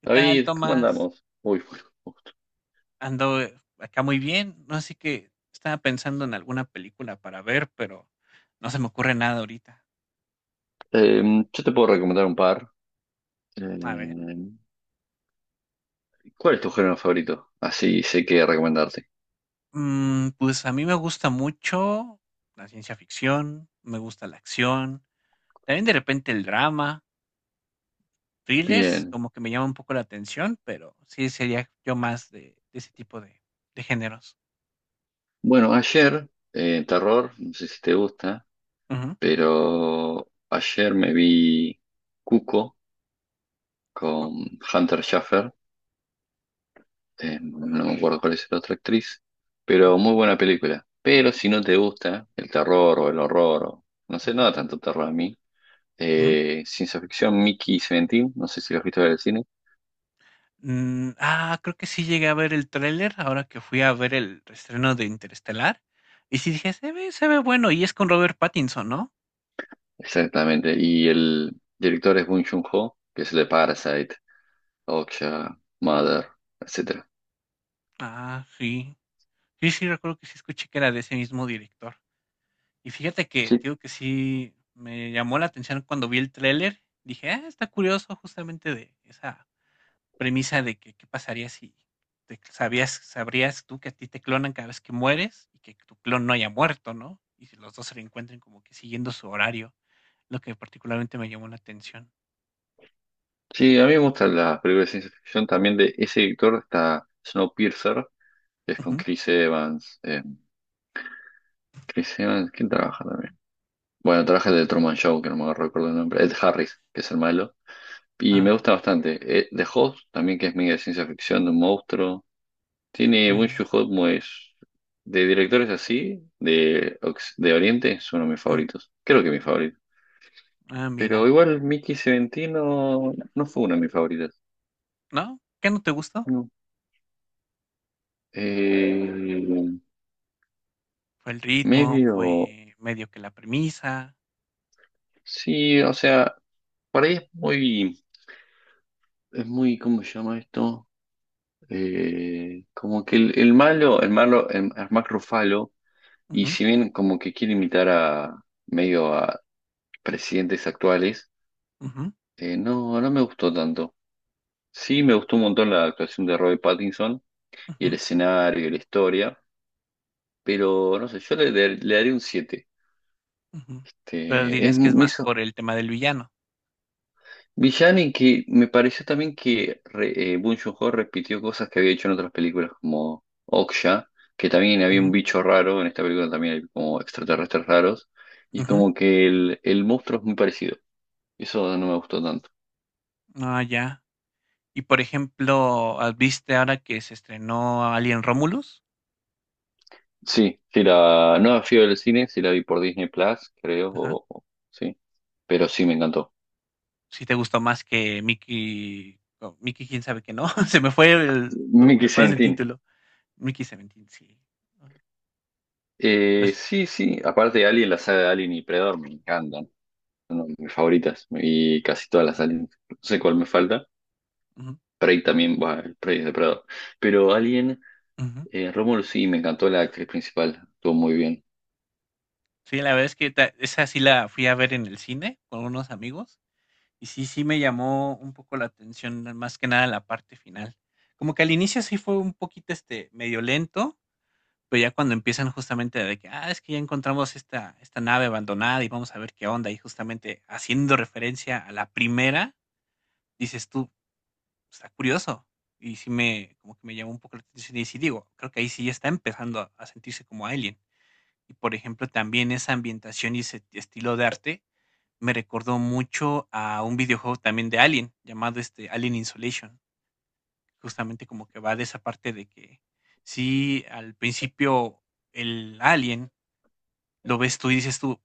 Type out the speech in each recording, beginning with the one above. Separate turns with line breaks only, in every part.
¿Qué tal,
David, ¿cómo
Tomás?
andamos? Uy, uy.
Ando acá muy bien, no así que estaba pensando en alguna película para ver, pero no se me ocurre nada ahorita.
Yo te puedo recomendar un par.
A ver,
Em, ¿cuál es tu género favorito? Así sé qué recomendarte.
pues a mí me gusta mucho la ciencia ficción, me gusta la acción, también de repente el drama, thrillers,
Bien.
como que me llama un poco la atención, pero sí sería yo más de ese tipo de géneros.
Bueno, ayer, terror, no sé si te gusta,
Ujú.
pero ayer me vi Cuco
Coco.
con Hunter Schafer. No me acuerdo cuál es la otra actriz, pero
Ujú,
muy buena película. Pero si no te gusta el terror o el horror, o, no sé,
ujú,
nada tanto terror a mí.
ujú.
Ciencia ficción, Mickey y Seventeen, no sé si lo has visto en el cine.
Ah, creo que sí llegué a ver el tráiler ahora que fui a ver el estreno de Interestelar. Y sí dije, se ve bueno. Y es con Robert Pattinson, ¿no?
Exactamente. Y el director es Bong Joon-ho, que es el de Parasite, Okja, Mother, etcétera.
Ah, sí. Sí, sí, recuerdo que sí escuché que era de ese mismo director. Y fíjate que,
Sí.
digo que sí me llamó la atención cuando vi el tráiler. Dije, ah, está curioso justamente de esa premisa de que qué pasaría si te sabrías tú que a ti te clonan cada vez que mueres y que tu clon no haya muerto, ¿no? Y si los dos se reencuentren como que siguiendo su horario. Lo que particularmente me llamó la atención.
Sí, a mí me gustan las películas de ciencia ficción. También de ese director está Snowpiercer, que es con
Ujú.
Chris Evans. Chris Evans, ¿quién trabaja también? Bueno, trabaja el de Truman Show, que no me recuerdo el nombre. Ed Harris, que es el malo. Y me
Ah,
gusta bastante. The Host, también que es medio de ciencia ficción, de un monstruo. Tiene Bong
mm,
joon es de directores así, de Oriente, es uno de mis
mm.
favoritos. Creo que mi favorito.
Ah,
Pero
mira.
igual Mickey Seventino no fue uno de mis favoritos.
¿No? ¿Qué no te gustó?
No. Eh,
Fue el ritmo,
medio.
fue medio que la premisa.
Sí, o sea, por ahí es muy. Es muy, ¿cómo se llama esto? Como que el malo, el malo, el Mark Ruffalo, y
Ujú,
si bien como que quiere imitar a medio a presidentes actuales,
ujú,
no, no me gustó tanto. Sí, me gustó un montón la actuación de Robert Pattinson y el
ujú,
escenario y la historia, pero no sé, yo le daré un 7.
ujú. Pero
Este, es
dirías que es
me
más
hizo
por el tema del villano.
villano y que me pareció también que Bong Joon-ho repitió cosas que había hecho en otras películas como Okja, que también había un
Ujú,
bicho raro, en esta película también hay como extraterrestres raros, y
ujú.
como que el monstruo es muy parecido. Eso no me gustó tanto.
Ah, ya. Y por ejemplo, ¿viste ahora que se estrenó Alien Romulus?
Sí, sí la no fui del cine, sí la vi por Disney Plus, creo,
Ajá.
sí, pero sí me encantó.
Si te gustó más que Mickey, o Mickey, quién sabe que no. Se me fue lo
Nicky
demás del
Sentin.
título. Mickey Seventeen, sí. Ah.
Eh,
Pues.
sí, sí, aparte de Alien, la saga de Alien y Predator me encantan. Son de mis favoritas y casi todas las Alien. No sé cuál me falta. Prey también, va, el Prey es de Predator. Pero Alien,
Ujú.
Romulus sí, me encantó la actriz principal, estuvo muy bien.
Sí, la verdad es que ta esa sí la fui a ver en el cine con unos amigos, y sí, sí me llamó un poco la atención, más que nada la parte final. Como que al inicio sí fue un poquito, este, medio lento, pero ya cuando empiezan justamente de que: "Ah, es que ya encontramos esta nave abandonada y vamos a ver qué onda", y justamente haciendo referencia a la primera, dices tú: "Está curioso". Y sí me como que me llamó un poco la atención y sí digo, creo que ahí sí ya está empezando a sentirse como Alien. Y, por ejemplo, también esa ambientación y ese estilo de arte me recordó mucho a un videojuego también de Alien, llamado, este, Alien Isolation. Justamente como que va de esa parte de que sí, al principio el alien lo ves tú y dices tú: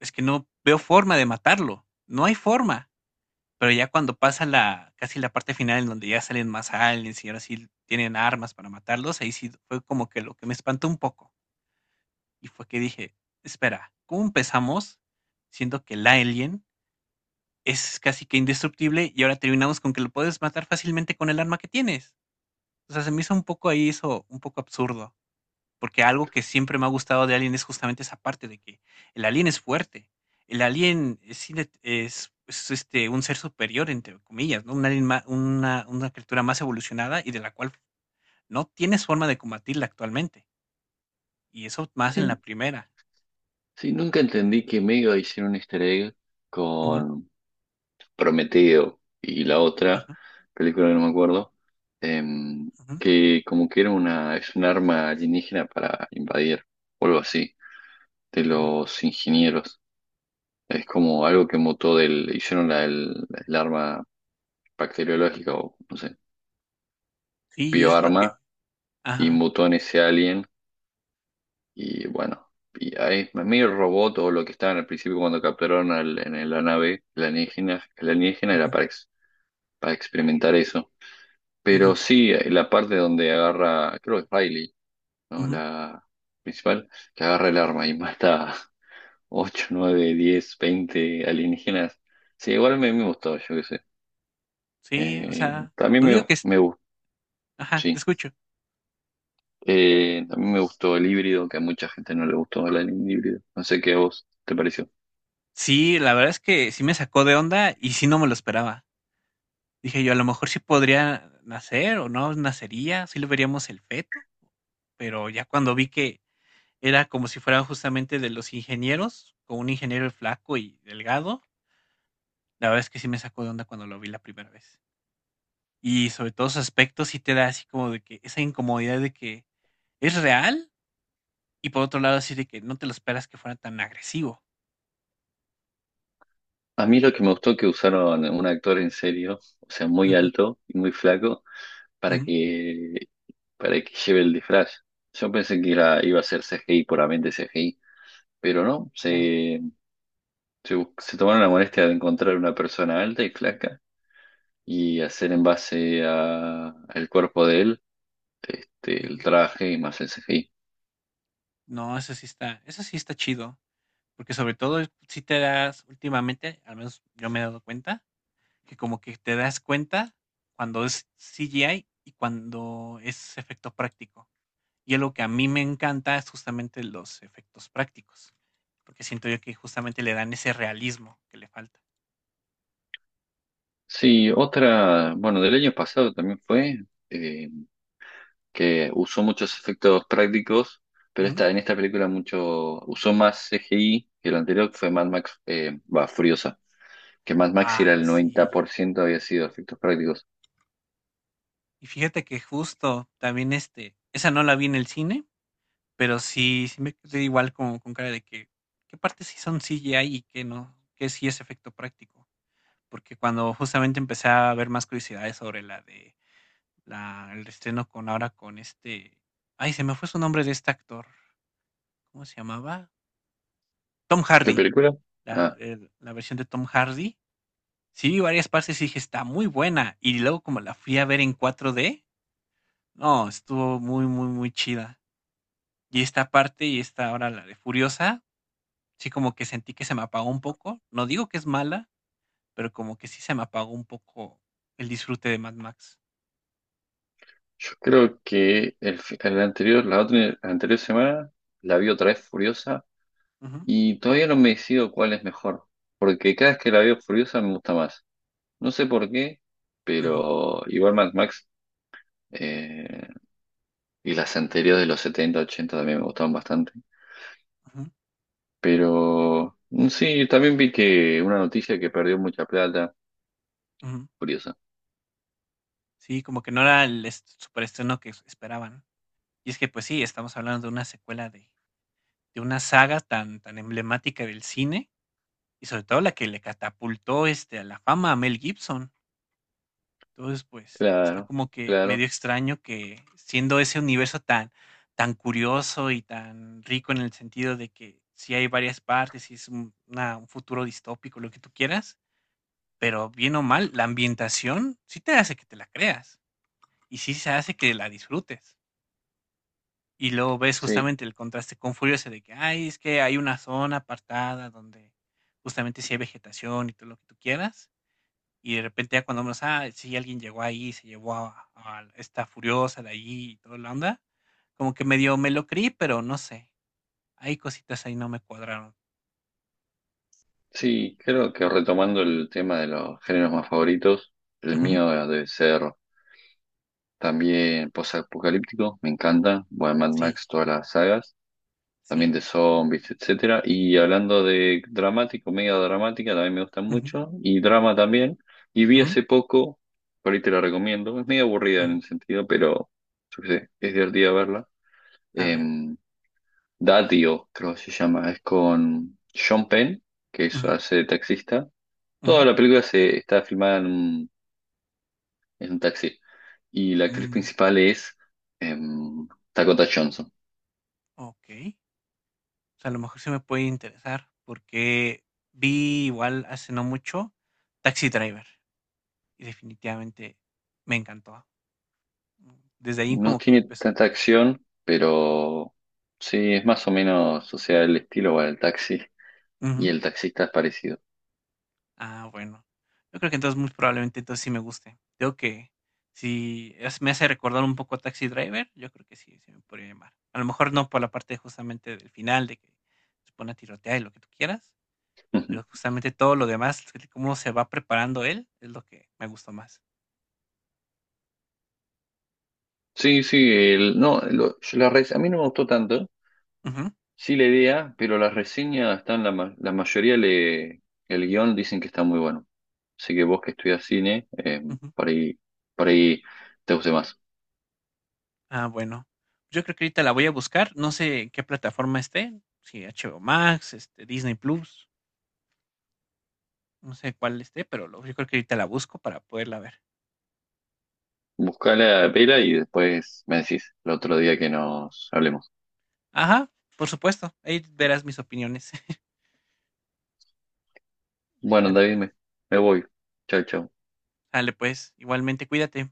"Es que no veo forma de matarlo, no hay forma". Pero ya cuando pasa la casi la parte final en donde ya salen más aliens y ahora sí tienen armas para matarlos, ahí sí fue como que lo que me espantó un poco. Y fue que dije, espera, ¿cómo empezamos siendo que el alien es casi que indestructible y ahora terminamos con que lo puedes matar fácilmente con el arma que tienes? O sea, se me hizo un poco ahí eso, un poco absurdo, porque algo que siempre me ha gustado de Alien es justamente esa parte de que el alien es fuerte, el alien es un ser superior, entre comillas, ¿no? Un alien una criatura más evolucionada y de la cual no tienes forma de combatirla actualmente. Y eso más en
Sí,
la primera.
sí, nunca entendí que Mega hicieron un easter egg
Ujú,
con Prometeo y la otra
ujú,
película que no me acuerdo, em,
ujú,
que como que era es un arma alienígena para invadir o algo así, de
ujú.
los ingenieros. Es como algo que mutó del, hicieron el arma bacteriológica o no sé,
Sí, es lo que
bioarma y
ajá.
mutó en ese alien y bueno, y ahí medio robot o lo que estaban al principio cuando capturaron en la nave, el alienígena era
Ujú,
para experimentar eso.
ujú,
Pero sí, la parte donde agarra, creo que es Riley, ¿no?
ujú.
La principal, que agarra el arma y mata 8 9 10 20 alienígenas. Sí, igual me gustó, yo qué sé.
Sí, o
Eh,
sea,
también
no digo
me,
que es
me gustó,
ajá, te
sí.
escucho.
También me gustó el híbrido, que a mucha gente no le gustó el anime híbrido. No sé qué a vos te pareció.
Sí, la verdad es que sí me sacó de onda y sí no me lo esperaba. Dije yo, a lo mejor sí podría nacer o no nacería, sí lo veríamos el feto, pero ya cuando vi que era como si fuera justamente de los ingenieros, con un ingeniero flaco y delgado, la verdad es que sí me sacó de onda cuando lo vi la primera vez. Y sobre todo sus aspectos sí te da así como de que esa incomodidad de que ¿es real? Y por otro lado, así de que no te lo esperas que fuera tan agresivo.
A mí lo que me gustó que usaron un actor en serio, o sea, muy
Ujú,
alto y muy flaco, para
ujú,
que, para que lleve el disfraz. Yo pensé que iba a ser C G CGI, puramente CGI, pero no,
no,
se tomaron la molestia de encontrar una persona alta y flaca y hacer en base al cuerpo de él, este,
ujú.
el traje y más el C CGI.
No, eso sí está chido, porque sobre todo si te das últimamente, al menos yo me he dado cuenta, que como que te das cuenta cuando es CGI y cuando es efecto práctico. Y es lo que a mí me encanta es justamente los efectos prácticos, porque siento yo que justamente le dan ese realismo que le falta.
Sí, otra, bueno, del año pasado también fue, eh, que usó muchos efectos prácticos, pero
Ujú.
en esta película mucho, usó más CGI que lo anterior, que fue Mad Max, va, Furiosa, que Mad Max
Ah,
era el
sí.
90% había sido efectos prácticos.
Y fíjate que justo también, este, esa no la vi en el cine, pero sí, sí me quedé igual como con cara de que, ¿qué partes sí son CGI y qué no? ¿Qué sí es efecto práctico? Porque cuando justamente empecé a ver más curiosidades sobre la de el estreno con ahora ay, se me fue su nombre de este actor, ¿cómo se llamaba? Tom
¿Qué
Hardy,
película? Ah,
la versión de Tom Hardy. Sí vi varias partes y dije, está muy buena. Y luego como la fui a ver en 4D, no, estuvo muy, muy, muy chida. Y esta parte, y esta ahora la de Furiosa, sí como que sentí que se me apagó un poco. No digo que es mala, pero como que sí se me apagó un poco el disfrute de Mad Max.
yo creo que el anterior, la otra, la anterior semana la vi otra vez Furiosa
Ujú,
y todavía no me decido cuál es mejor, porque cada vez que la veo Furiosa me gusta más. No sé por qué.
ujú,
Pero igual Mad Max, Eh, y las anteriores de los 70 80 también me gustaban bastante.
ujú,
Pero sí, también vi que una noticia que perdió mucha plata.
ujú.
Curiosa.
Sí, como que no era el superestreno que esperaban. Y es que, pues sí, estamos hablando de una secuela de una saga tan, tan emblemática del cine, y sobre todo la que le catapultó este, a la fama a Mel Gibson. Entonces, pues, está
Claro,
como que medio
claro.
extraño que siendo ese universo tan, tan curioso y tan rico en el sentido de que sí hay varias partes y es un un futuro distópico, lo que tú quieras, pero bien o mal, la ambientación sí te hace que te la creas y sí se hace que la disfrutes. Y luego ves
Sí,
justamente el contraste con Furiosa de que, ay, es que hay una zona apartada donde justamente sí hay vegetación y todo lo que tú quieras y de repente ya cuando vemos, ah, sí, alguien llegó ahí, se llevó a esta furiosa de ahí y toda la onda, como que medio me lo creí, pero no sé, hay cositas ahí no me cuadraron.
sí, creo que retomando el tema de los géneros más favoritos, el
Ujú.
mío debe ser también post-apocalíptico. Me encanta. Bueno, Mad
Sí,
Max, todas las sagas. También
sí.
de zombies, etcétera. Y hablando de dramático, media dramática, también me gustan
Ujú,
mucho, y drama también. Y vi
ujú,
hace poco, por ahí te la recomiendo, es medio aburrida en
ujú.
el sentido, pero yo qué sé, es divertida verla.
A ver.
Em, Datio, creo que se llama, es con Sean Penn, que es,
Ujú,
hace de taxista. Toda
ujú,
la película se está filmada en un, taxi. Y la actriz
mm,
principal es em, Dakota Johnson.
ok. O sea, a lo mejor se me puede interesar porque vi igual hace no mucho Taxi Driver y definitivamente me encantó. Desde ahí
No
como que me
tiene
empezó.
tanta acción, pero sí, es más o menos, o sea, el estilo va del taxi y
Ujú.
el taxista es parecido.
Ah, bueno. Yo creo que entonces muy probablemente entonces sí me guste. Creo que si me hace recordar un poco a Taxi Driver, yo creo que sí, sí me podría llamar. A lo mejor no por la parte justamente del final, de que se pone a tirotear y lo que tú quieras,
Ujú.
pero justamente todo lo demás, el cómo se va preparando él, es lo que me gustó más.
Sí, sí, no, a mí no me gustó tanto,
Ujú,
sí la idea, pero las reseñas están, la mayoría el guión dicen que está muy bueno. Así que vos que estudias cine,
ujú.
por ahí, por ahí te guste más.
Ah, bueno. Yo creo que ahorita la voy a buscar. No sé en qué plataforma esté, si HBO Max, Disney Plus, no sé cuál esté, pero yo creo que ahorita la busco para poderla ver.
Buscá la pela y después me decís el otro día que nos hablemos.
Ajá, por supuesto, ahí verás mis opiniones.
Bueno,
Sale
David,
pues,
me voy. Chao, chao.
sale pues, igualmente cuídate.